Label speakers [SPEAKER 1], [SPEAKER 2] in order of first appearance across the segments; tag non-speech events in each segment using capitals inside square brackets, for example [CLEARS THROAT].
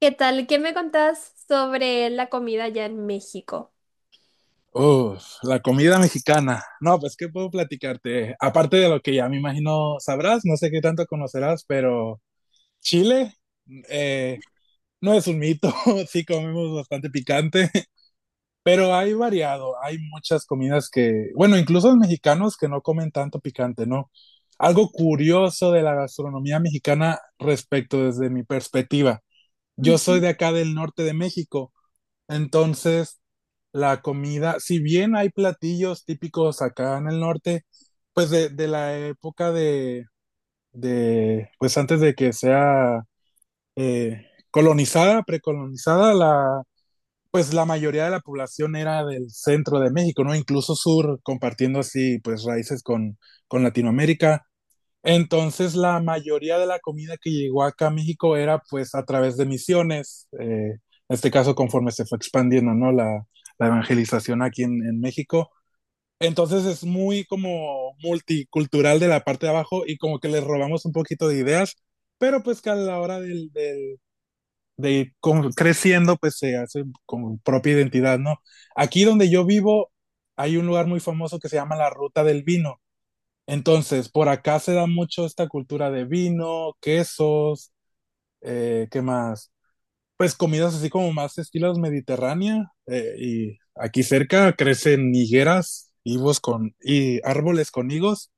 [SPEAKER 1] ¿Qué tal? ¿Qué me contás sobre la comida allá en México?
[SPEAKER 2] Uf, la comida mexicana. No, pues, ¿qué puedo platicarte? Aparte de lo que ya me imagino sabrás, no sé qué tanto conocerás, pero Chile eh, no es un mito. [LAUGHS] Sí comemos bastante picante, [LAUGHS] pero hay variado. Hay muchas comidas que, bueno, incluso los mexicanos que no comen tanto picante, ¿no? Algo curioso de la gastronomía mexicana respecto desde mi perspectiva. Yo soy de acá del norte de México. Entonces, la comida, si bien hay platillos típicos acá en el norte, pues de la época de, pues antes de que sea eh, colonizada, precolonizada, la, pues la mayoría de la población era del centro de México, ¿no? Incluso sur, compartiendo así, pues raíces con Latinoamérica. Entonces, la mayoría de la comida que llegó acá a México era pues a través de misiones, en este caso conforme se fue expandiendo, ¿no? La evangelización aquí en México. Entonces es muy como multicultural de la parte de abajo y como que les robamos un poquito de ideas, pero pues que a la hora del, de ir creciendo pues se hace con propia identidad, ¿no? Aquí donde yo vivo hay un lugar muy famoso que se llama la Ruta del Vino. Entonces, por acá se da mucho esta cultura de vino, quesos, ¿qué más? Pues comidas así como más estilos mediterránea. Y aquí cerca crecen higueras, higos con, y árboles con higos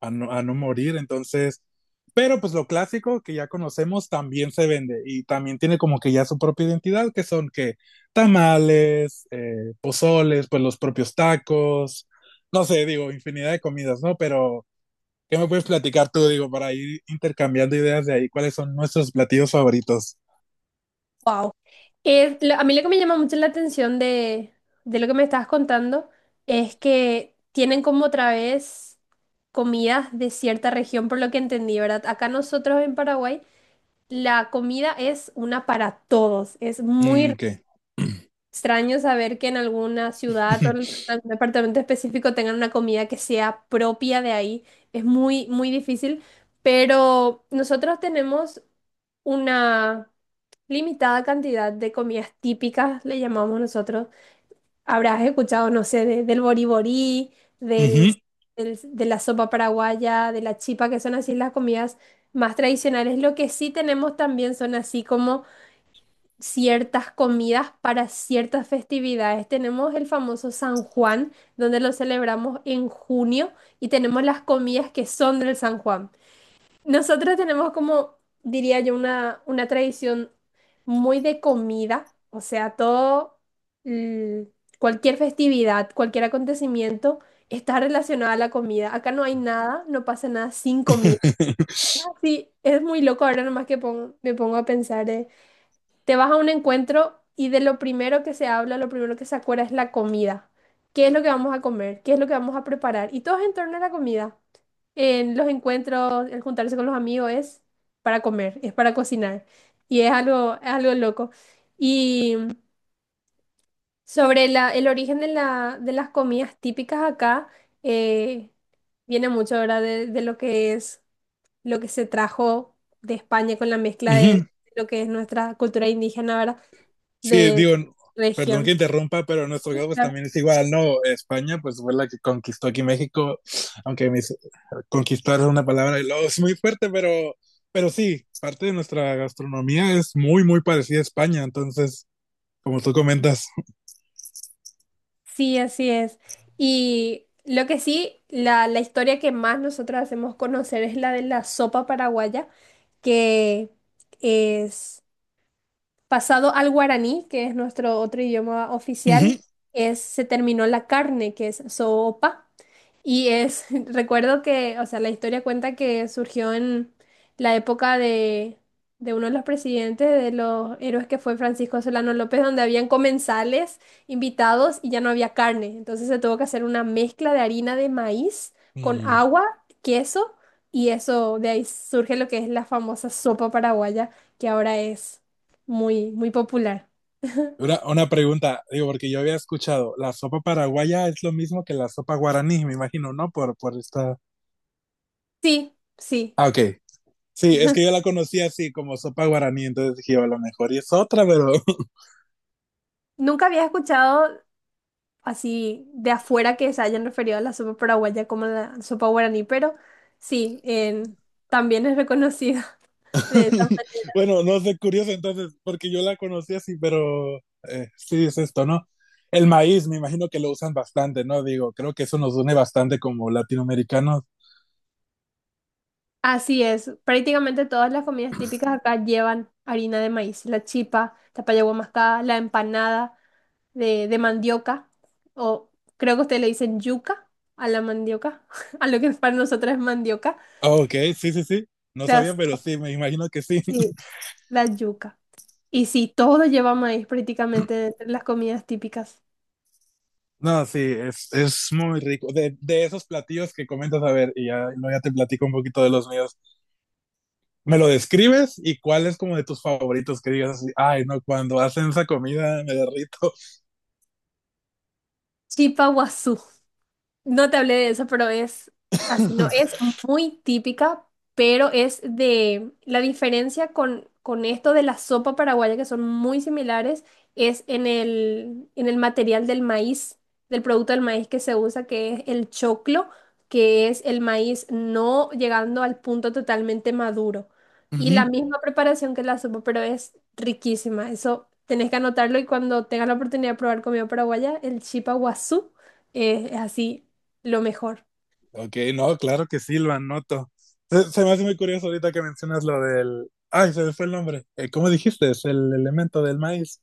[SPEAKER 2] a no morir. Entonces, pero pues lo clásico que ya conocemos también se vende y también tiene como que ya su propia identidad, que son que tamales, pozoles, pues los propios tacos, no sé, digo, infinidad de comidas, ¿no? Pero. ¿Qué me puedes platicar tú, digo, para ir intercambiando ideas de ahí? ¿Cuáles son nuestros platillos favoritos?
[SPEAKER 1] Wow. A mí lo que me llama mucho la atención de lo que me estabas contando es que tienen como otra vez comidas de cierta región, por lo que entendí, ¿verdad? Acá nosotros en Paraguay la comida es una para todos, es muy...
[SPEAKER 2] Mm, ¿qué? [CLEARS THROAT]
[SPEAKER 1] Extraño saber que en alguna ciudad o en
[SPEAKER 2] [LAUGHS]
[SPEAKER 1] algún departamento específico tengan una comida que sea propia de ahí. Es muy difícil, pero nosotros tenemos una limitada cantidad de comidas típicas, le llamamos nosotros. Habrás escuchado, no sé, del boriborí, del,
[SPEAKER 2] Ujú.
[SPEAKER 1] de la sopa paraguaya, de la chipa, que son así las comidas más tradicionales. Lo que sí tenemos también son así como ciertas comidas para ciertas festividades. Tenemos el famoso San Juan, donde lo celebramos en junio, y tenemos las comidas que son del San Juan. Nosotros tenemos como, diría yo, una tradición muy de comida, o sea, todo, mm, cualquier festividad, cualquier acontecimiento está relacionado a la comida. Acá no hay nada, no pasa nada sin comida. Y es
[SPEAKER 2] [LAUGHS]
[SPEAKER 1] así, es muy loco ahora nomás que me pongo a pensar. Te vas a un encuentro y de lo primero que se habla, lo primero que se acuerda es la comida. ¿Qué es lo que vamos a comer? ¿Qué es lo que vamos a preparar? Y todo es en torno a la comida. En los encuentros, el juntarse con los amigos es para comer, es para cocinar. Y es algo loco. Y sobre el origen de de las comidas típicas acá, eh, viene mucho ahora de lo que es, lo que se trajo de España con la mezcla de
[SPEAKER 2] Ujú.
[SPEAKER 1] lo que es nuestra cultura indígena, ¿verdad?
[SPEAKER 2] Sí,
[SPEAKER 1] De
[SPEAKER 2] digo, perdón que
[SPEAKER 1] región.
[SPEAKER 2] interrumpa, pero nuestro
[SPEAKER 1] Sí,
[SPEAKER 2] caso pues
[SPEAKER 1] claro.
[SPEAKER 2] también es igual, ¿no? España pues fue la que conquistó aquí México, aunque conquistar es una palabra y luego es muy fuerte, pero sí, parte de nuestra gastronomía es muy, muy parecida a España, entonces, como tú comentas.
[SPEAKER 1] Sí, así es. Y lo que sí, la historia que más nosotros hacemos conocer es la de la sopa paraguaya, que es pasado al guaraní, que es nuestro otro idioma
[SPEAKER 2] Ujú.
[SPEAKER 1] oficial, es, se terminó la carne, que es sopa. Y es, [LAUGHS] recuerdo que, o sea, la historia cuenta que surgió en la época de uno de los presidentes, de los héroes que fue Francisco Solano López, donde habían comensales invitados y ya no había carne. Entonces se tuvo que hacer una mezcla de harina de maíz con
[SPEAKER 2] Mm.
[SPEAKER 1] agua, queso, y eso, de ahí surge lo que es la famosa sopa paraguaya, que ahora es muy popular. [LAUGHS]
[SPEAKER 2] Una pregunta, digo, porque yo había escuchado, la sopa paraguaya es lo mismo que la sopa guaraní, me imagino, ¿no? Por esta.
[SPEAKER 1] Sí, sí.
[SPEAKER 2] Ah, ok. Sí, es que yo la conocí así como sopa guaraní, entonces dije, a lo mejor y es otra, pero
[SPEAKER 1] Nunca había escuchado así de afuera que se hayan referido a la sopa paraguaya como la sopa guaraní, pero sí, también es reconocida [LAUGHS] de esa
[SPEAKER 2] [LAUGHS]
[SPEAKER 1] manera.
[SPEAKER 2] bueno, no sé, curioso entonces, porque yo la conocí así, pero sí es esto, ¿no? El maíz, me imagino que lo usan bastante, ¿no? Digo, creo que eso
[SPEAKER 1] Sí.
[SPEAKER 2] nos une bastante como latinoamericanos.
[SPEAKER 1] Así es. Prácticamente todas las comidas típicas acá llevan harina de maíz, la chipa, la paya mascada, la empanada de mandioca, o creo que ustedes le dicen yuca a la mandioca, [LAUGHS] a lo que para nosotros es mandioca.
[SPEAKER 2] Ah, ok, sí, sí, sí, no sabía,
[SPEAKER 1] Las,
[SPEAKER 2] pero sí, me imagino que sí.
[SPEAKER 1] sí, la yuca. Y sí, todo lleva maíz prácticamente entre las comidas típicas.
[SPEAKER 2] No, sí, es muy rico. De esos platillos que comentas, a ver, y ya, no, ya te platico un poquito de los míos. ¿Me lo describes? ¿Y cuál es como de tus favoritos que digas así, ay, no, cuando hacen esa comida me derrito?
[SPEAKER 1] Chipa. No te hablé de eso, pero es así, no, es muy típica, pero es de la diferencia con esto de la sopa paraguaya, que son muy similares, es en en el material del maíz, del producto del maíz que se usa, que es el choclo, que es el maíz no llegando al punto totalmente maduro. Y la
[SPEAKER 2] Ujú.
[SPEAKER 1] misma preparación que la sopa, pero es riquísima. Eso tenés que anotarlo y cuando tengas la oportunidad de probar comida paraguaya, el chipa guazú, es así. Lo mejor,
[SPEAKER 2] Ok, no, claro que sí, lo anoto. Se me hace muy curioso ahorita que mencionas lo del. Ay, se me fue el nombre. ¿Cómo dijiste? Es el elemento del maíz.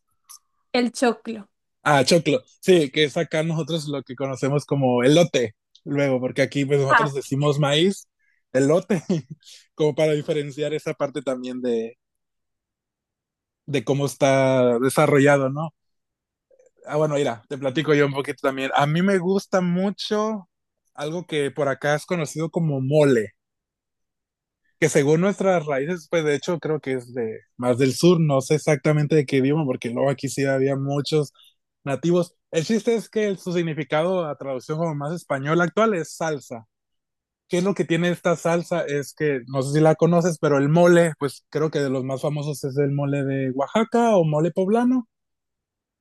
[SPEAKER 1] el choclo.
[SPEAKER 2] Ah, choclo. Sí, que es acá nosotros lo que conocemos como elote, luego, porque aquí pues
[SPEAKER 1] Ah,
[SPEAKER 2] nosotros decimos maíz, elote, [LAUGHS] como para diferenciar esa parte también de cómo está desarrollado, ¿no? Ah, bueno, mira, te platico yo un poquito también. A mí me gusta mucho algo que por acá es conocido como mole. Que según nuestras raíces, pues de hecho creo que es de más del sur, no sé exactamente de qué idioma, porque luego aquí sí había muchos nativos. El chiste es que su significado a traducción como más español actual es salsa. ¿Qué es lo que tiene esta salsa? Es que, no sé si la conoces, pero el mole, pues creo que de los más famosos es el mole de Oaxaca o mole poblano.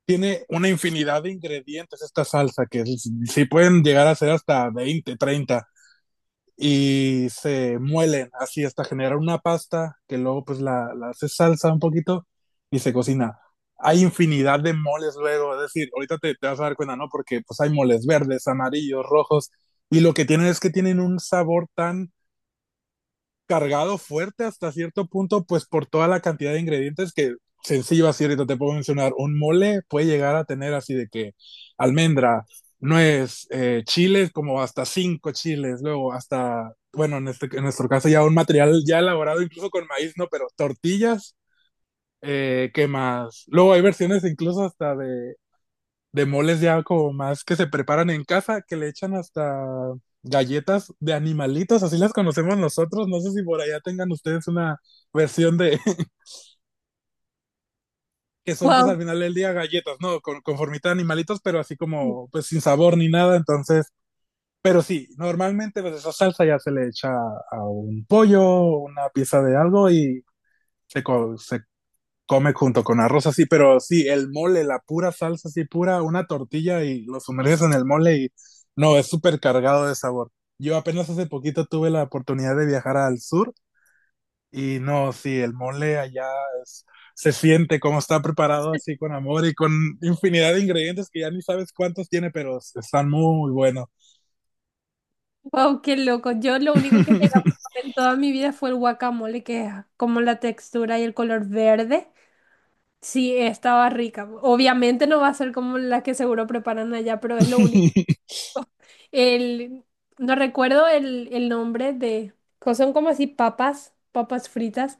[SPEAKER 2] Tiene una infinidad de ingredientes esta salsa, que sí pueden llegar a ser hasta 20-30 y se muelen así hasta generar una pasta que luego pues la hace salsa un poquito y se cocina. Hay infinidad de moles luego, es decir, ahorita te vas a dar cuenta, ¿no? Porque pues hay moles verdes, amarillos, rojos, y lo que tienen es que tienen un sabor tan cargado fuerte hasta cierto punto, pues por toda la cantidad de ingredientes que sencillo así ahorita te puedo mencionar. Un mole puede llegar a tener así de que almendra, nuez, chiles, como hasta cinco chiles, luego hasta, bueno, en, este, en nuestro caso ya un material ya elaborado incluso con maíz, ¿no? Pero tortillas, ¿qué más? Luego hay versiones incluso hasta de moles ya como más que se preparan en casa, que le echan hasta galletas de animalitos, así las conocemos nosotros. No sé si por allá tengan ustedes una versión de [LAUGHS] que son pues
[SPEAKER 1] wow,
[SPEAKER 2] al final del día galletas, ¿no? Con conformita de animalitos, pero así como pues sin sabor ni nada. Entonces, pero sí, normalmente pues esa salsa ya se le echa a un pollo, una pieza de algo y se, se come junto con arroz así, pero sí, el mole, la pura salsa así pura, una tortilla y lo sumerges en el mole y no, es súper cargado de sabor. Yo apenas hace poquito tuve la oportunidad de viajar al sur y no, sí, el mole allá es, se siente como está preparado así con amor y con infinidad de ingredientes que ya ni sabes cuántos tiene, pero están muy buenos.
[SPEAKER 1] wow, qué loco. Yo lo único que llegué a probar
[SPEAKER 2] [LAUGHS]
[SPEAKER 1] en toda mi vida fue el guacamole, que es como la textura y el color verde. Sí, estaba rica. Obviamente no va a ser como la que seguro preparan allá, pero es lo único. El, no recuerdo el nombre de, son como así papas, papas fritas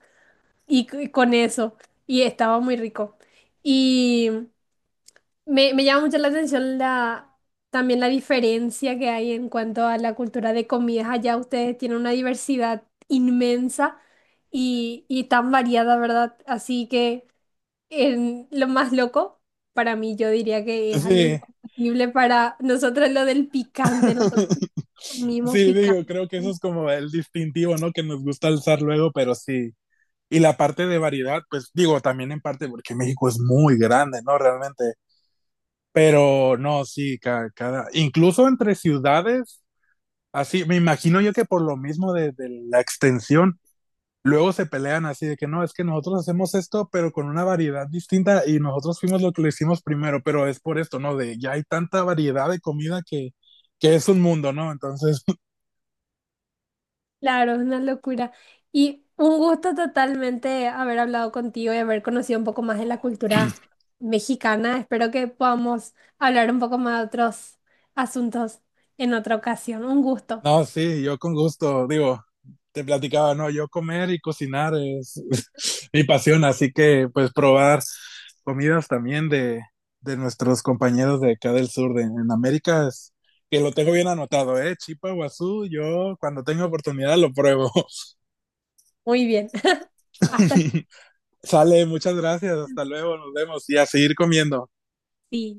[SPEAKER 1] y con eso. Y estaba muy rico. Y me llama mucho la atención también la diferencia que hay en cuanto a la cultura de comidas. Allá ustedes tienen una diversidad inmensa y tan variada, ¿verdad? Así que en lo más loco, para mí yo diría que es algo
[SPEAKER 2] Sí.
[SPEAKER 1] imposible para nosotros lo del picante. Nosotros
[SPEAKER 2] [LAUGHS]
[SPEAKER 1] comimos
[SPEAKER 2] Sí, digo,
[SPEAKER 1] picante.
[SPEAKER 2] creo que eso es como el distintivo, ¿no? Que nos gusta alzar luego, pero sí, y la parte de variedad, pues digo, también en parte porque México es muy grande, ¿no? Realmente. Pero no, sí, cada incluso entre ciudades, así, me imagino yo que por lo mismo de la extensión, luego se pelean así de que no, es que nosotros hacemos esto, pero con una variedad distinta y nosotros fuimos lo que lo hicimos primero, pero es por esto, ¿no? De ya hay tanta variedad de comida que es un mundo, ¿no? Entonces.
[SPEAKER 1] Claro, es una locura. Y un gusto totalmente haber hablado contigo y haber conocido un poco más de la cultura
[SPEAKER 2] [CLEARS THROAT]
[SPEAKER 1] mexicana. Espero que podamos hablar un poco más de otros asuntos en otra ocasión. Un gusto.
[SPEAKER 2] No, sí, yo con gusto, digo, te platicaba, no, yo comer y cocinar es [LAUGHS] mi pasión, así que pues probar comidas también de nuestros compañeros de acá del sur de en América es que lo tengo bien anotado, Chipa Guazú, yo cuando tengo oportunidad lo pruebo.
[SPEAKER 1] Muy bien. [LAUGHS] Hasta...
[SPEAKER 2] [LAUGHS] Sale, muchas gracias, hasta luego, nos vemos y a seguir comiendo.
[SPEAKER 1] Sí.